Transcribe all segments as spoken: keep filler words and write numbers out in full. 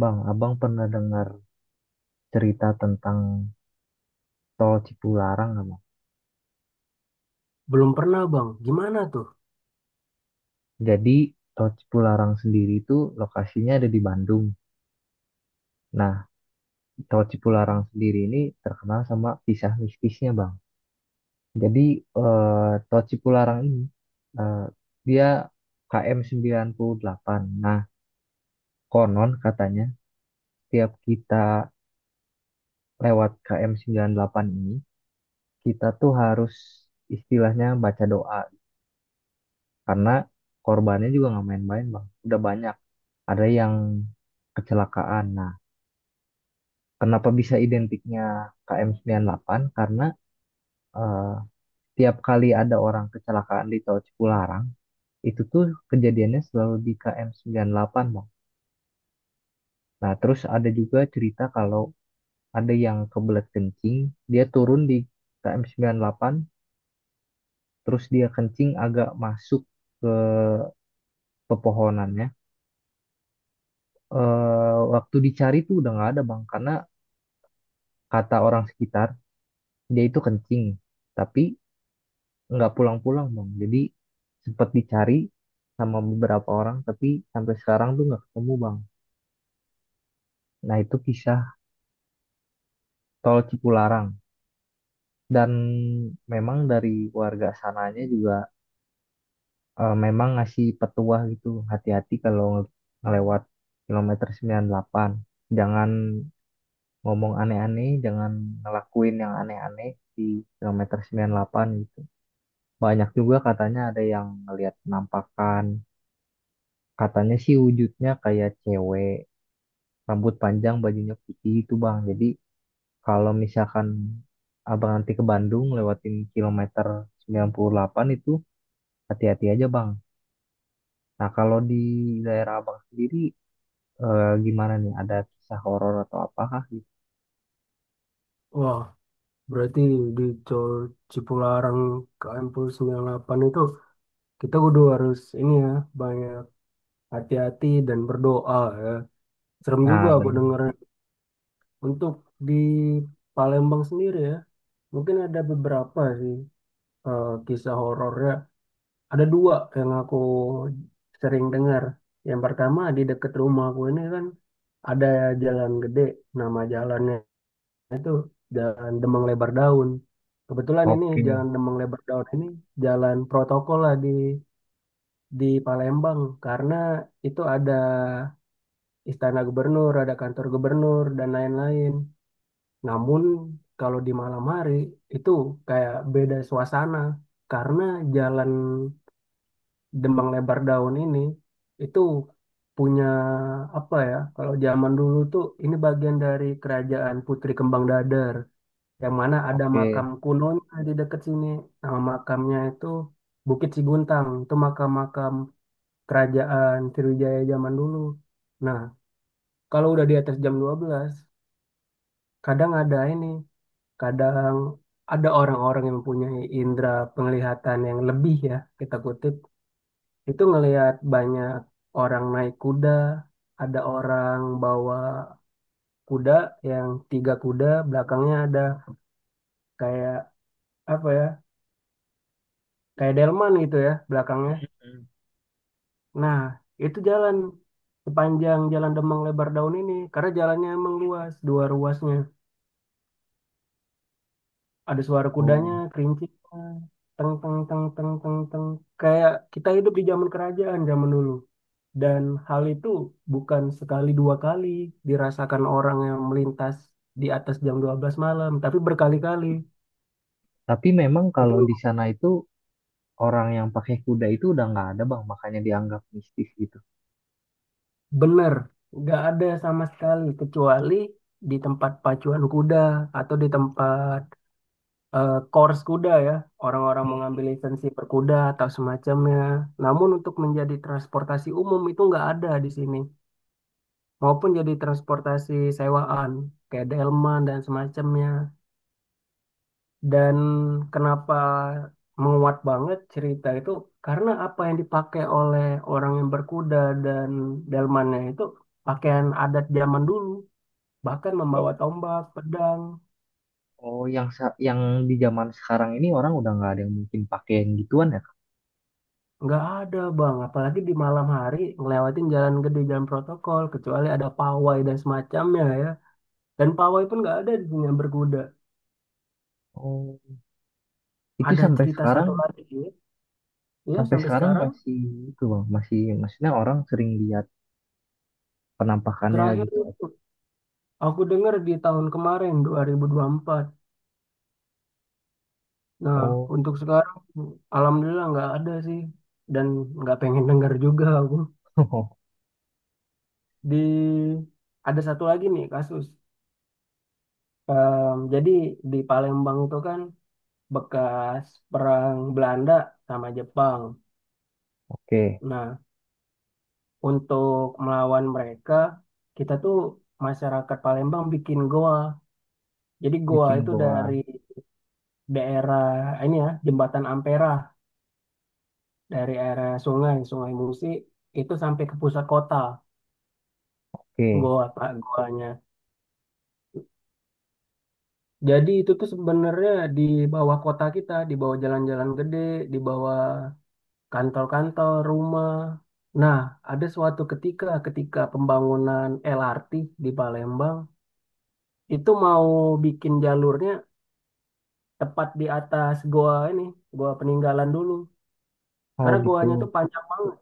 Bang, abang pernah dengar cerita tentang Tol Cipularang nggak, Bang? Belum pernah bang, gimana tuh? Jadi, Tol Cipularang sendiri itu lokasinya ada di Bandung. Nah, Tol Cipularang sendiri ini terkenal sama kisah mistisnya, Bang. Jadi, eh, Tol Cipularang ini, eh, dia K M delapan. Nah, konon katanya, setiap kita lewat K M delapan ini, kita tuh harus istilahnya baca doa. Karena korbannya juga nggak main-main, Bang. Udah banyak ada yang kecelakaan. Nah, kenapa bisa identiknya K M sembilan puluh delapan? Karena eh, tiap kali ada orang kecelakaan di Tol Cipularang, itu tuh kejadiannya selalu di K M sembilan puluh delapan, Bang. Nah, terus ada juga cerita kalau ada yang kebelet kencing, dia turun di K M sembilan puluh delapan, terus dia kencing agak masuk ke pepohonannya. Eh, waktu dicari tuh udah nggak ada, Bang, karena kata orang sekitar, dia itu kencing. Tapi nggak pulang-pulang bang, jadi sempat dicari sama beberapa orang, tapi sampai sekarang tuh nggak ketemu, bang. Nah, itu kisah tol Cipularang. Dan memang dari warga sananya juga, eh, memang ngasih petua gitu, hati-hati kalau nge- ngelewat kilometer sembilan puluh delapan. Jangan ngomong aneh-aneh, jangan ngelakuin yang aneh-aneh di kilometer sembilan puluh delapan gitu. Banyak juga katanya ada yang ngelihat penampakan. Katanya sih wujudnya kayak cewek, rambut panjang, bajunya putih itu, Bang. Jadi kalau misalkan Abang nanti ke Bandung, lewatin kilometer sembilan puluh delapan itu, hati-hati aja, Bang. Nah, kalau di daerah Abang sendiri, eh, gimana nih? Ada kisah horor atau apakah gitu? Wah, berarti di Col- Cipularang K M Pul sembilan puluh delapan itu kita kudu harus ini ya, banyak hati-hati dan berdoa ya. Serem juga Nah, aku denger bener. untuk di Palembang sendiri ya. Mungkin ada beberapa sih eh, kisah horornya. Ada dua yang aku sering dengar. Yang pertama di dekat rumah aku ini kan ada jalan gede, nama jalannya. Nah, itu jalan Demang Lebar Daun. Kebetulan ini Oke, jalan Demang Lebar Daun ini jalan protokol lah di di Palembang karena itu ada istana gubernur, ada kantor gubernur dan lain-lain. Namun kalau di malam hari itu kayak beda suasana karena jalan Demang Lebar Daun ini itu punya apa ya? Kalau zaman dulu tuh ini bagian dari kerajaan Putri Kembang Dadar, yang mana ada oke. makam kunonya di dekat sini. Nama makamnya itu Bukit Siguntang. Itu makam-makam kerajaan Sriwijaya zaman dulu. Nah, kalau udah di atas jam dua belas, kadang ada ini, kadang ada orang-orang yang mempunyai indera penglihatan yang lebih ya, kita kutip. Itu ngelihat banyak orang naik kuda, ada orang bawa kuda yang tiga kuda, belakangnya ada kayak apa ya, kayak delman gitu ya belakangnya. Hmm. Nah, itu jalan sepanjang jalan Demang Lebar Daun ini karena jalannya emang luas, dua ruasnya. Ada suara kudanya, Oh, kerincing, teng teng teng teng teng teng. Kayak kita hidup di zaman kerajaan zaman dulu. Dan hal itu bukan sekali dua kali dirasakan orang yang melintas di atas jam dua belas malam, tapi berkali-kali. tapi memang Itu kalau di sana itu orang yang pakai kuda itu udah nggak ada, bang, makanya dianggap mistis gitu. benar, nggak ada sama sekali kecuali di tempat pacuan kuda atau di tempat eh, course kuda ya, orang-orang mengambil lisensi berkuda atau semacamnya. Namun untuk menjadi transportasi umum itu nggak ada di sini, maupun jadi transportasi sewaan kayak delman dan semacamnya. Dan kenapa menguat banget cerita itu karena apa yang dipakai oleh orang yang berkuda dan delmannya itu pakaian adat zaman dulu, bahkan Oh, membawa tombak, pedang. oh, yang sa- yang di zaman sekarang ini orang udah nggak ada yang mungkin pakai yang gituan ya, Kak? Nggak ada bang, apalagi di malam hari ngelewatin jalan gede, jalan protokol, kecuali ada pawai dan semacamnya ya. Dan pawai pun nggak ada di sini yang berkuda. Oh, itu Ada sampai cerita sekarang. satu lagi ya Sampai sampai sekarang sekarang. masih itu, bang, masih, maksudnya orang sering lihat penampakannya Terakhir gitu. aku dengar di tahun kemarin dua dua ribu dua puluh empat. Nah Oh. untuk sekarang alhamdulillah nggak ada sih dan nggak pengen dengar juga aku. Di ada satu lagi nih kasus. Em, jadi di Palembang itu kan bekas perang Belanda sama Jepang. Oke. Nah, untuk melawan mereka, kita tuh masyarakat Palembang bikin goa. Jadi goa Bikin itu dari goa. daerah ini ya, Jembatan Ampera, dari area sungai, Sungai Musi, itu sampai ke pusat kota, Oke. goa Pak, goanya. Jadi itu tuh sebenarnya di bawah kota kita, di bawah jalan-jalan gede, di bawah kantor-kantor, rumah. Nah, ada suatu ketika, ketika pembangunan L R T di Palembang, itu mau bikin jalurnya tepat di atas goa ini, goa peninggalan dulu. Oh Karena goanya gitu. tuh panjang banget.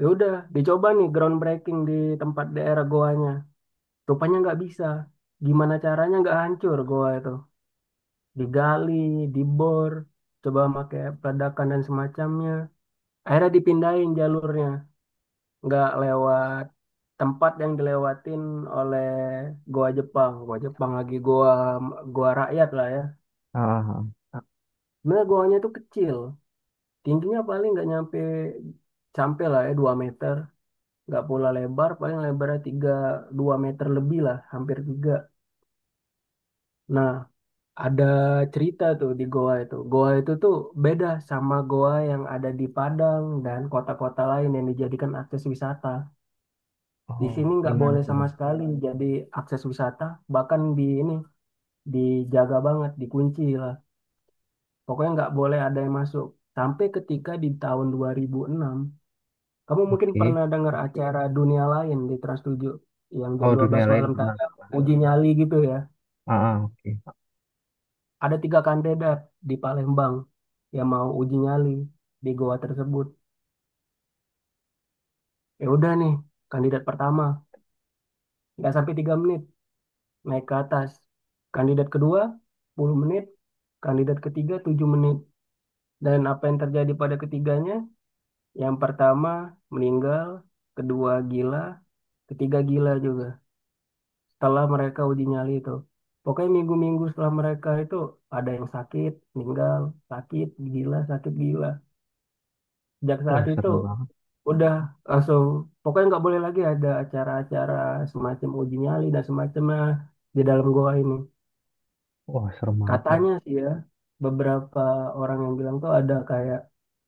Ya udah, dicoba nih groundbreaking di tempat daerah goanya. Rupanya nggak bisa. Gimana caranya nggak hancur goa itu? Digali, dibor, coba pakai peledakan dan semacamnya. Akhirnya dipindahin jalurnya, nggak lewat tempat yang dilewatin oleh goa Jepang. Goa Jepang lagi, goa goa rakyat lah ya. Ah ah, ah. Sebenarnya goanya itu kecil. Tingginya paling nggak nyampe, sampai lah ya dua meter. Nggak pula lebar, paling lebarnya tiga dua meter lebih lah, hampir tiga. Nah, ada cerita tuh di goa itu. Goa itu tuh beda sama goa yang ada di Padang dan kota-kota lain yang dijadikan akses wisata. Di Oh, sini nggak gimana boleh tuh, sama bang? sekali jadi akses wisata, bahkan di ini dijaga banget, dikunci lah. Pokoknya nggak boleh ada yang masuk. Sampai ketika di tahun dua ribu enam, kamu mungkin Oke. pernah dengar acara dunia lain di Trans tujuh yang jam Oh, dunia dua belas lain malam pernah. tayang, uji nyali gitu ya. Ah ah, oke. Ada tiga kandidat di Palembang yang mau uji nyali di goa tersebut. Ya udah nih, kandidat pertama nggak sampai tiga menit naik ke atas. Kandidat kedua sepuluh menit, kandidat ketiga tujuh menit. Dan apa yang terjadi pada ketiganya? Yang pertama meninggal, kedua gila, ketiga gila juga, setelah mereka uji nyali itu. Pokoknya minggu-minggu setelah mereka itu ada yang sakit, meninggal, sakit, gila, sakit, gila. Sejak saat Wah itu serem banget. udah langsung, pokoknya nggak boleh lagi ada acara-acara semacam uji nyali dan semacamnya di dalam goa ini. Wah serem banget, bang. Katanya sih ya, beberapa orang yang bilang tuh ada kayak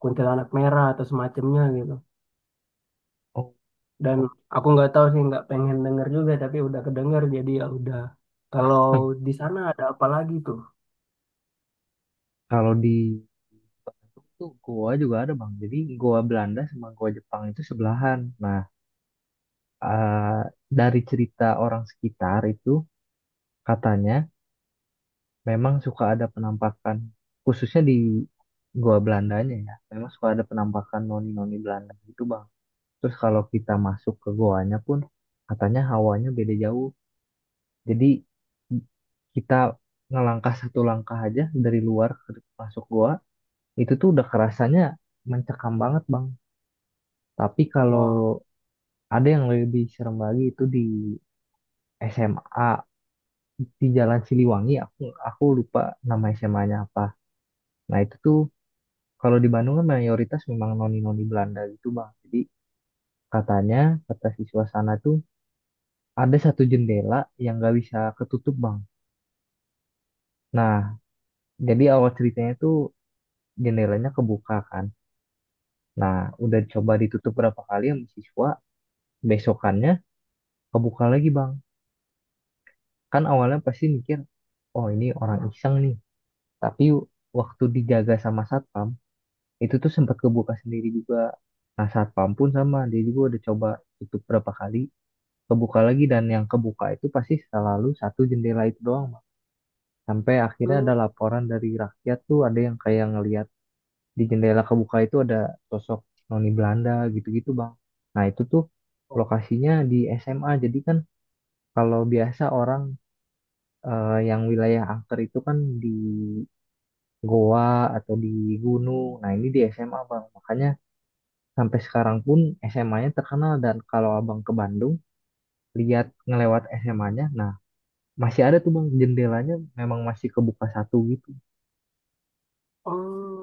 kuntilanak merah atau semacamnya gitu. Oh. Dan aku nggak tahu sih, nggak pengen denger juga, tapi udah kedenger jadi ya udah. Kalau di sana ada apa lagi tuh? Kalau di Bandung tuh goa juga ada, bang. Jadi goa Belanda sama goa Jepang itu sebelahan. Nah, ah, dari cerita orang sekitar itu katanya memang suka ada penampakan, khususnya di gua Belandanya, ya, memang suka ada penampakan noni-noni Belanda gitu, bang. Terus kalau kita masuk ke goanya pun, katanya hawanya beda jauh. Jadi kita ngelangkah satu langkah aja dari luar ke masuk goa, itu tuh udah kerasanya mencekam banget, bang. Tapi kalau Wow. ada yang lebih serem lagi itu di S M A di Jalan Siliwangi. Aku aku lupa nama S M A-nya apa. Nah, itu tuh kalau di Bandung kan mayoritas memang noni-noni Belanda gitu, Bang. Jadi katanya, kata siswa sana tuh ada satu jendela yang nggak bisa ketutup, Bang. Nah, jadi awal ceritanya tuh jendelanya kebuka kan. Nah, udah coba ditutup berapa kali sama siswa, besokannya kebuka lagi, Bang. Kan awalnya pasti mikir, oh ini orang iseng nih. Tapi waktu dijaga sama satpam, itu tuh sempat kebuka sendiri juga. Nah, satpam pun sama, dia juga udah coba tutup berapa kali, kebuka lagi, dan yang kebuka itu pasti selalu satu jendela itu doang, Mak. Sampai akhirnya ada laporan dari rakyat tuh ada yang kayak ngelihat di jendela kebuka itu ada sosok noni Belanda gitu-gitu, bang. Nah, itu tuh lokasinya di S M A. Jadi kan kalau biasa orang, eh, yang wilayah angker itu kan di goa atau di gunung, nah ini di S M A, bang, makanya sampai sekarang pun S M A-nya terkenal. Dan kalau abang ke Bandung, lihat ngelewat S M A-nya. Nah, masih ada tuh, bang, jendelanya memang masih kebuka satu gitu. Oh,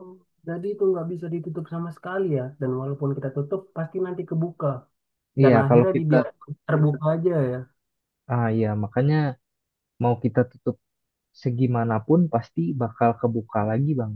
jadi itu nggak bisa ditutup sama sekali ya. Dan walaupun kita tutup, pasti nanti kebuka. Dan Iya, kalau akhirnya kita, dibiarkan terbuka aja ya. ah iya, makanya mau kita tutup segimanapun pasti bakal kebuka lagi, bang.